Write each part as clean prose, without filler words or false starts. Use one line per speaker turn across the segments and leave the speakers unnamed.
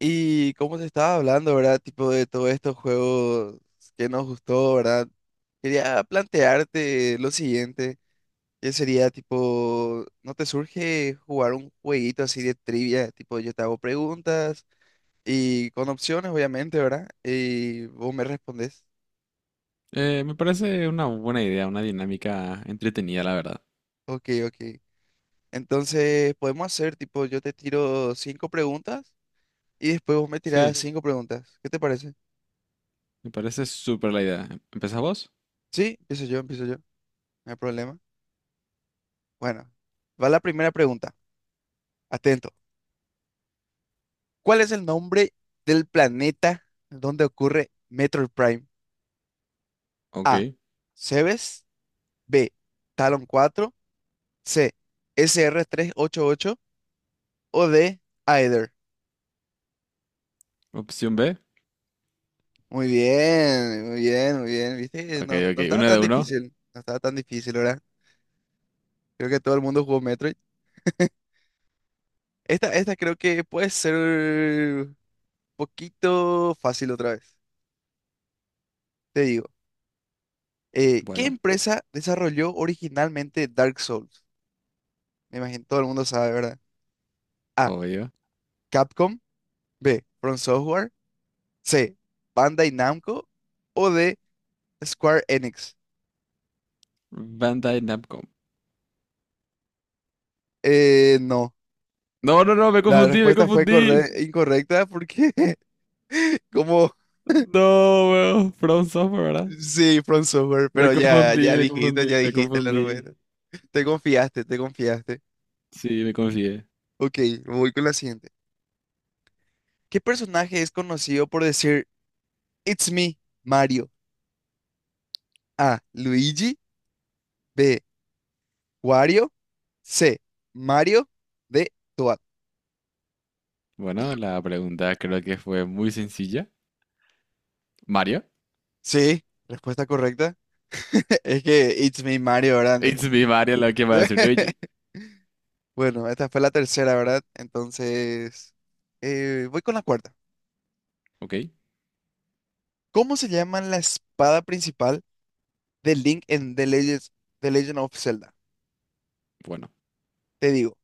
Y como te estaba hablando, ¿verdad? Tipo, de todos estos juegos que nos gustó, ¿verdad? Quería plantearte lo siguiente, que sería tipo, ¿no te surge jugar un jueguito así de trivia? Tipo, yo te hago preguntas y con opciones, obviamente, ¿verdad? Y vos me respondes.
Me parece una buena idea, una dinámica entretenida, la verdad.
Ok, ok. Entonces, podemos hacer tipo, yo te tiro cinco preguntas y después vos me tirás
Sí,
cinco preguntas. ¿Qué te parece?
me parece súper la idea. ¿Empezás vos?
Sí, empiezo yo, empiezo yo. No hay problema. Bueno, va la primera pregunta. Atento. ¿Cuál es el nombre del planeta donde ocurre Metroid Prime?
Ok.
A. Cebes. B. Talon 4. C. SR388. O D. Aether.
Opción B.
Muy bien, muy bien, muy bien. ¿Viste?
Ok,
No, no
ok.
estaba
Uno
tan,
de
hombre,
uno.
difícil. No estaba tan difícil, ¿verdad? Creo que todo el mundo jugó Metroid. Esta creo que puede ser un poquito fácil otra vez. Te digo. ¿Qué
Bueno,
empresa desarrolló originalmente Dark Souls? Me imagino todo el mundo sabe, ¿verdad? A.
obvio.
Capcom. B. From Software. C. Bandai Namco. O D. Square Enix.
Bandai Namco.
No.
No, no, no, me
La
confundí, me
respuesta fue
confundí.
incorrecta porque como
No, weón. From Software, ¿verdad?
sí, From Software,
Me
pero ya,
confundí,
ya
me
dijiste,
confundí,
ya
me
dijiste la
confundí.
respuesta. Te confiaste, te confiaste.
Sí, me confié.
Ok, voy con la siguiente. ¿Qué personaje es conocido por decir It's me, Mario? A. Luigi. B. Wario. C. Mario. D. Toad.
Bueno, la pregunta creo que fue muy sencilla. Mario.
Sí, respuesta correcta. Es que It's Me Mario, ¿verdad?
It's me, Mario, lo que va a decir Luigi.
Bueno, esta fue la tercera, ¿verdad? Entonces, voy con la cuarta.
Ok,
¿Cómo se llama la espada principal de Link en The Legend of Zelda?
bueno.
Te digo,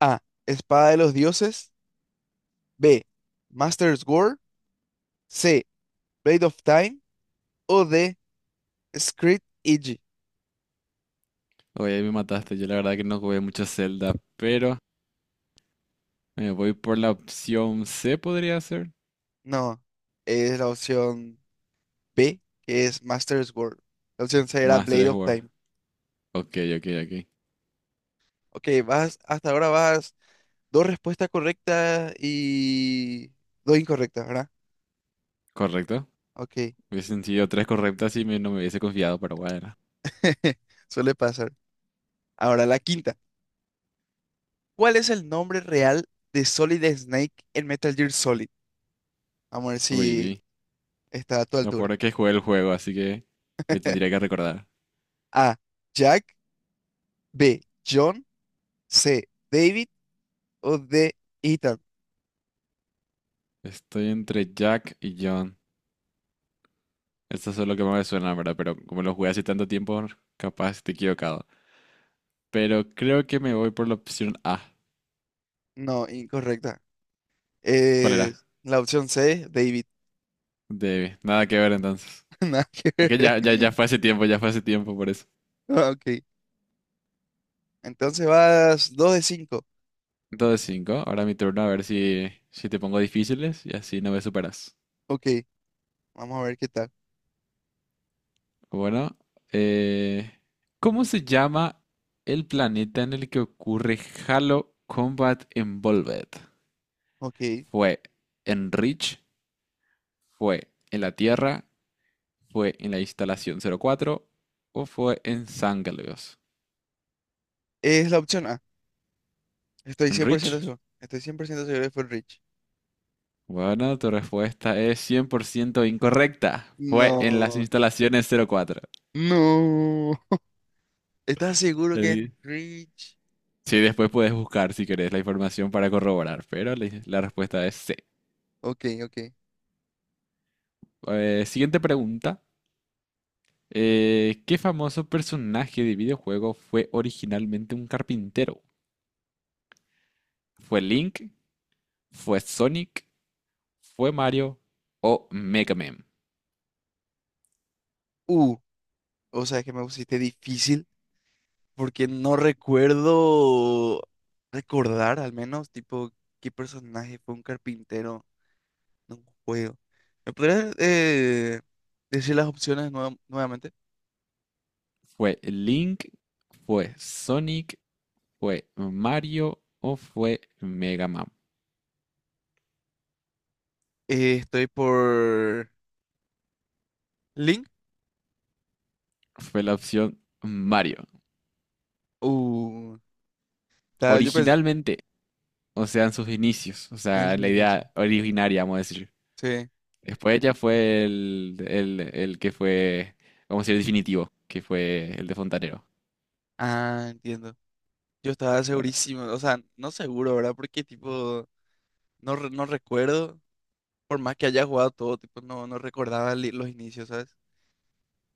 A, Espada de los Dioses, B, Master Sword, C, Blade of Time o D, Script Eiji.
Oye, ahí me mataste. Yo la verdad que no jugué mucho Zelda, pero me voy por la opción C, podría ser.
No, es la opción B, que es Master Sword. La opción C era
Más
Blade
tres
of
jugar.
Time.
Ok, ok, ok.
Ok, hasta ahora vas dos respuestas correctas y dos incorrectas, ¿verdad?
Correcto.
Ok,
Hubiese sido tres correctas y me- no me hubiese confiado, pero bueno.
suele pasar. Ahora, la quinta. ¿Cuál es el nombre real de Solid Snake en Metal Gear Solid? Vamos a ver
Uy, uy,
si
uy.
está a tu
Lo peor
altura.
es que jugué el juego, así que me tendría que recordar.
A. Jack. B. John. C. David. O D. Ethan.
Estoy entre Jack y John. Esto es lo que más me suena, ¿verdad? Pero como lo jugué hace tanto tiempo, capaz estoy equivocado. Pero creo que me voy por la opción A.
No, incorrecta.
¿Cuál
Eh,
era?
la opción C, David.
De nada que ver entonces.
Nada que
Es que
ver.
ya, ya, ya fue hace tiempo, ya fue hace tiempo por eso.
Ok, entonces vas 2 de 5.
Entonces cinco. Ahora mi turno a ver si te pongo difíciles y así no me superas.
Ok, vamos a ver qué tal.
Bueno, eh, ¿cómo se llama el planeta en el que ocurre Halo Combat Evolved?
Ok,
¿Fue en Reach? ¿Fue en la Tierra? ¿Fue en la instalación 04? ¿O fue en Sangaleos?
es la opción A. Estoy
¿En
100%
Reach?
seguro. Estoy 100% seguro que fue Rich.
Bueno, tu respuesta es 100% incorrecta. Fue en las
No.
instalaciones 04.
No. ¿Estás seguro que es Rich?
Sí, después puedes buscar si querés la información para corroborar, pero la respuesta es C.
Ok, ok.
Siguiente pregunta. ¿Qué famoso personaje de videojuego fue originalmente un carpintero? ¿Fue Link? ¿Fue Sonic? ¿Fue Mario? ¿O Mega Man?
Uh, o sea, es que me pusiste difícil porque no recuerdo recordar al menos, tipo, qué personaje fue un carpintero en un juego. ¿Me podrías decir las opciones nuevamente?
¿Fue Link? ¿Fue Sonic? ¿Fue Mario? ¿O fue Mega Man?
Estoy por Link.
Fue la opción Mario.
Uh, yo pensé...
Originalmente, o sea, en sus inicios, o
es
sea, la
buenísimo.
idea originaria, vamos a decir.
Sí.
Después ya fue el que fue, vamos a decir, el definitivo, que fue el de Fontanero.
Ah, entiendo. Yo estaba
Bueno,
segurísimo, o sea, no seguro, ¿verdad? Porque tipo, no, no recuerdo, por más que haya jugado todo, tipo, no, no recordaba los inicios, ¿sabes?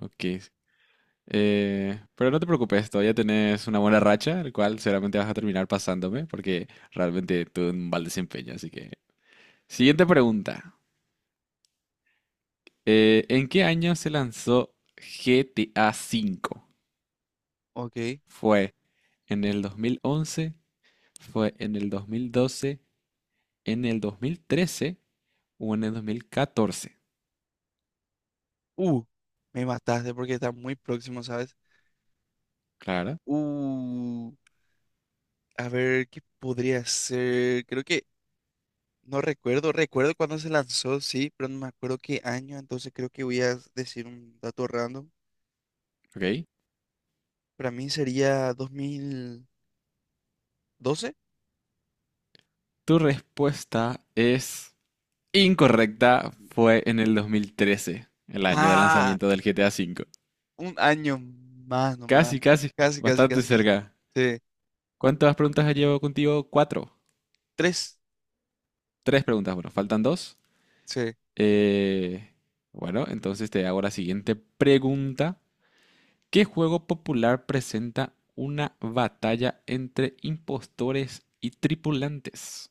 ok. Pero no te preocupes, todavía tenés una buena racha, el cual seguramente vas a terminar pasándome, porque realmente tuve un mal desempeño, así que... Siguiente pregunta. ¿En qué año se lanzó GTA V?
Ok.
¿Fue en el 2011? ¿Fue en el 2012? ¿En el 2013? ¿O en el 2014?
Uh, me mataste porque está muy próximo, ¿sabes?
Claro,
Uh, a ver, ¿qué podría ser? Creo que, no recuerdo, recuerdo cuando se lanzó, sí, pero no me acuerdo qué año, entonces creo que voy a decir un dato random.
ok.
Para mí sería 2012.
Tu respuesta es incorrecta. Fue en el 2013, el año de
Ah,
lanzamiento del GTA V.
un año más nomás.
Casi, casi.
Casi, casi,
Bastante
casi, casi.
cerca.
Sí.
¿Cuántas preguntas llevo contigo? Cuatro.
Tres.
Tres preguntas. Bueno, faltan dos.
Sí.
Eh, bueno, entonces te hago la siguiente pregunta. ¿Qué juego popular presenta una batalla entre impostores y tripulantes?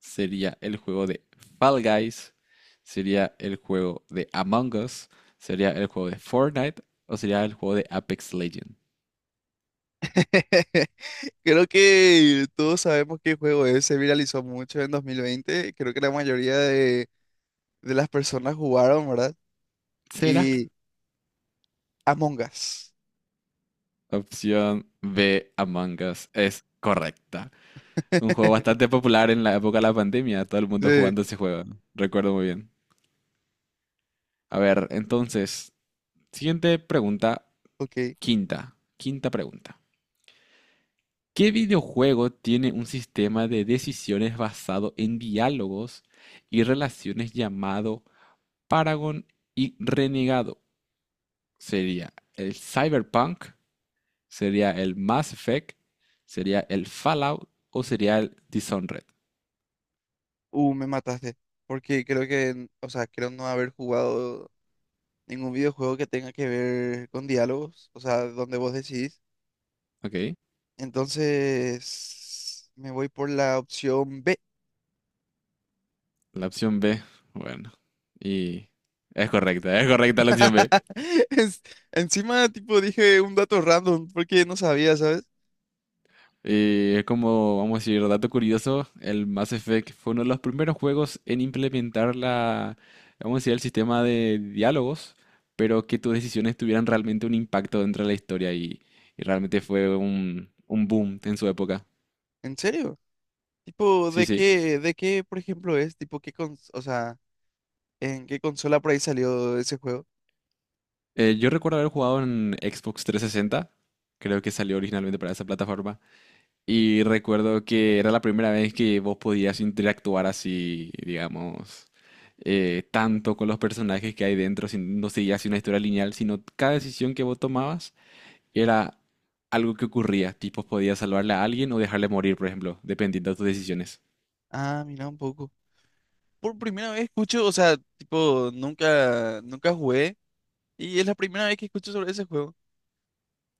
Sería el juego de Fall Guys, sería el juego de Among Us, sería el juego de Fortnite o sería el juego de Apex Legends.
Creo que todos sabemos qué juego es, se viralizó mucho en 2020. Creo que la mayoría de las personas jugaron, ¿verdad?
¿Será?
Sí. Y Among Us.
Opción B, Among Us, es correcta. Un juego bastante popular en la época de la pandemia, todo el mundo
Sí,
jugando ese juego, ¿no? Recuerdo muy bien. A ver, entonces, siguiente pregunta,
ok.
quinta, quinta pregunta. ¿Qué videojuego tiene un sistema de decisiones basado en diálogos y relaciones llamado Paragon y Renegado? Sería el Cyberpunk, sería el Mass Effect, sería el Fallout o sería el Dishonored.
Me mataste. Porque creo que, o sea, creo no haber jugado ningún videojuego que tenga que ver con diálogos, o sea, donde vos decidís.
Ok,
Entonces, me voy por la opción B.
la opción B, bueno, y es correcta la opción B.
Es- encima, tipo, dije un dato random porque no sabía, ¿sabes?
Es como, vamos a decir, dato curioso, el Mass Effect fue uno de los primeros juegos en implementar la, vamos a decir, el sistema de diálogos, pero que tus decisiones tuvieran realmente un impacto dentro de la historia y realmente fue un boom en su época.
¿En serio? Tipo,
Sí,
¿de
sí.
qué, por ejemplo, es? Tipo, ¿ o sea, en qué consola por ahí salió ese juego?
Yo recuerdo haber jugado en Xbox 360, creo que salió originalmente para esa plataforma. Y recuerdo que era la primera vez que vos podías interactuar así, digamos, tanto con los personajes que hay dentro, sin- no seguías una historia lineal, sino cada decisión que vos tomabas era algo que ocurría, tipo podías salvarle a alguien o dejarle morir, por ejemplo, dependiendo de tus decisiones.
Ah, mira un poco. Por primera vez escucho, o sea, tipo, nunca, nunca jugué y es la primera vez que escucho sobre ese juego.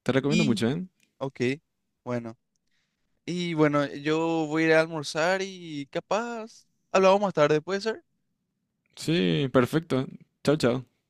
Te recomiendo
Y,
mucho, ¿eh?
ok, bueno. Y bueno, yo voy a ir a almorzar y capaz hablamos más tarde, ¿puede ser?
Sí, perfecto. Chao, chao.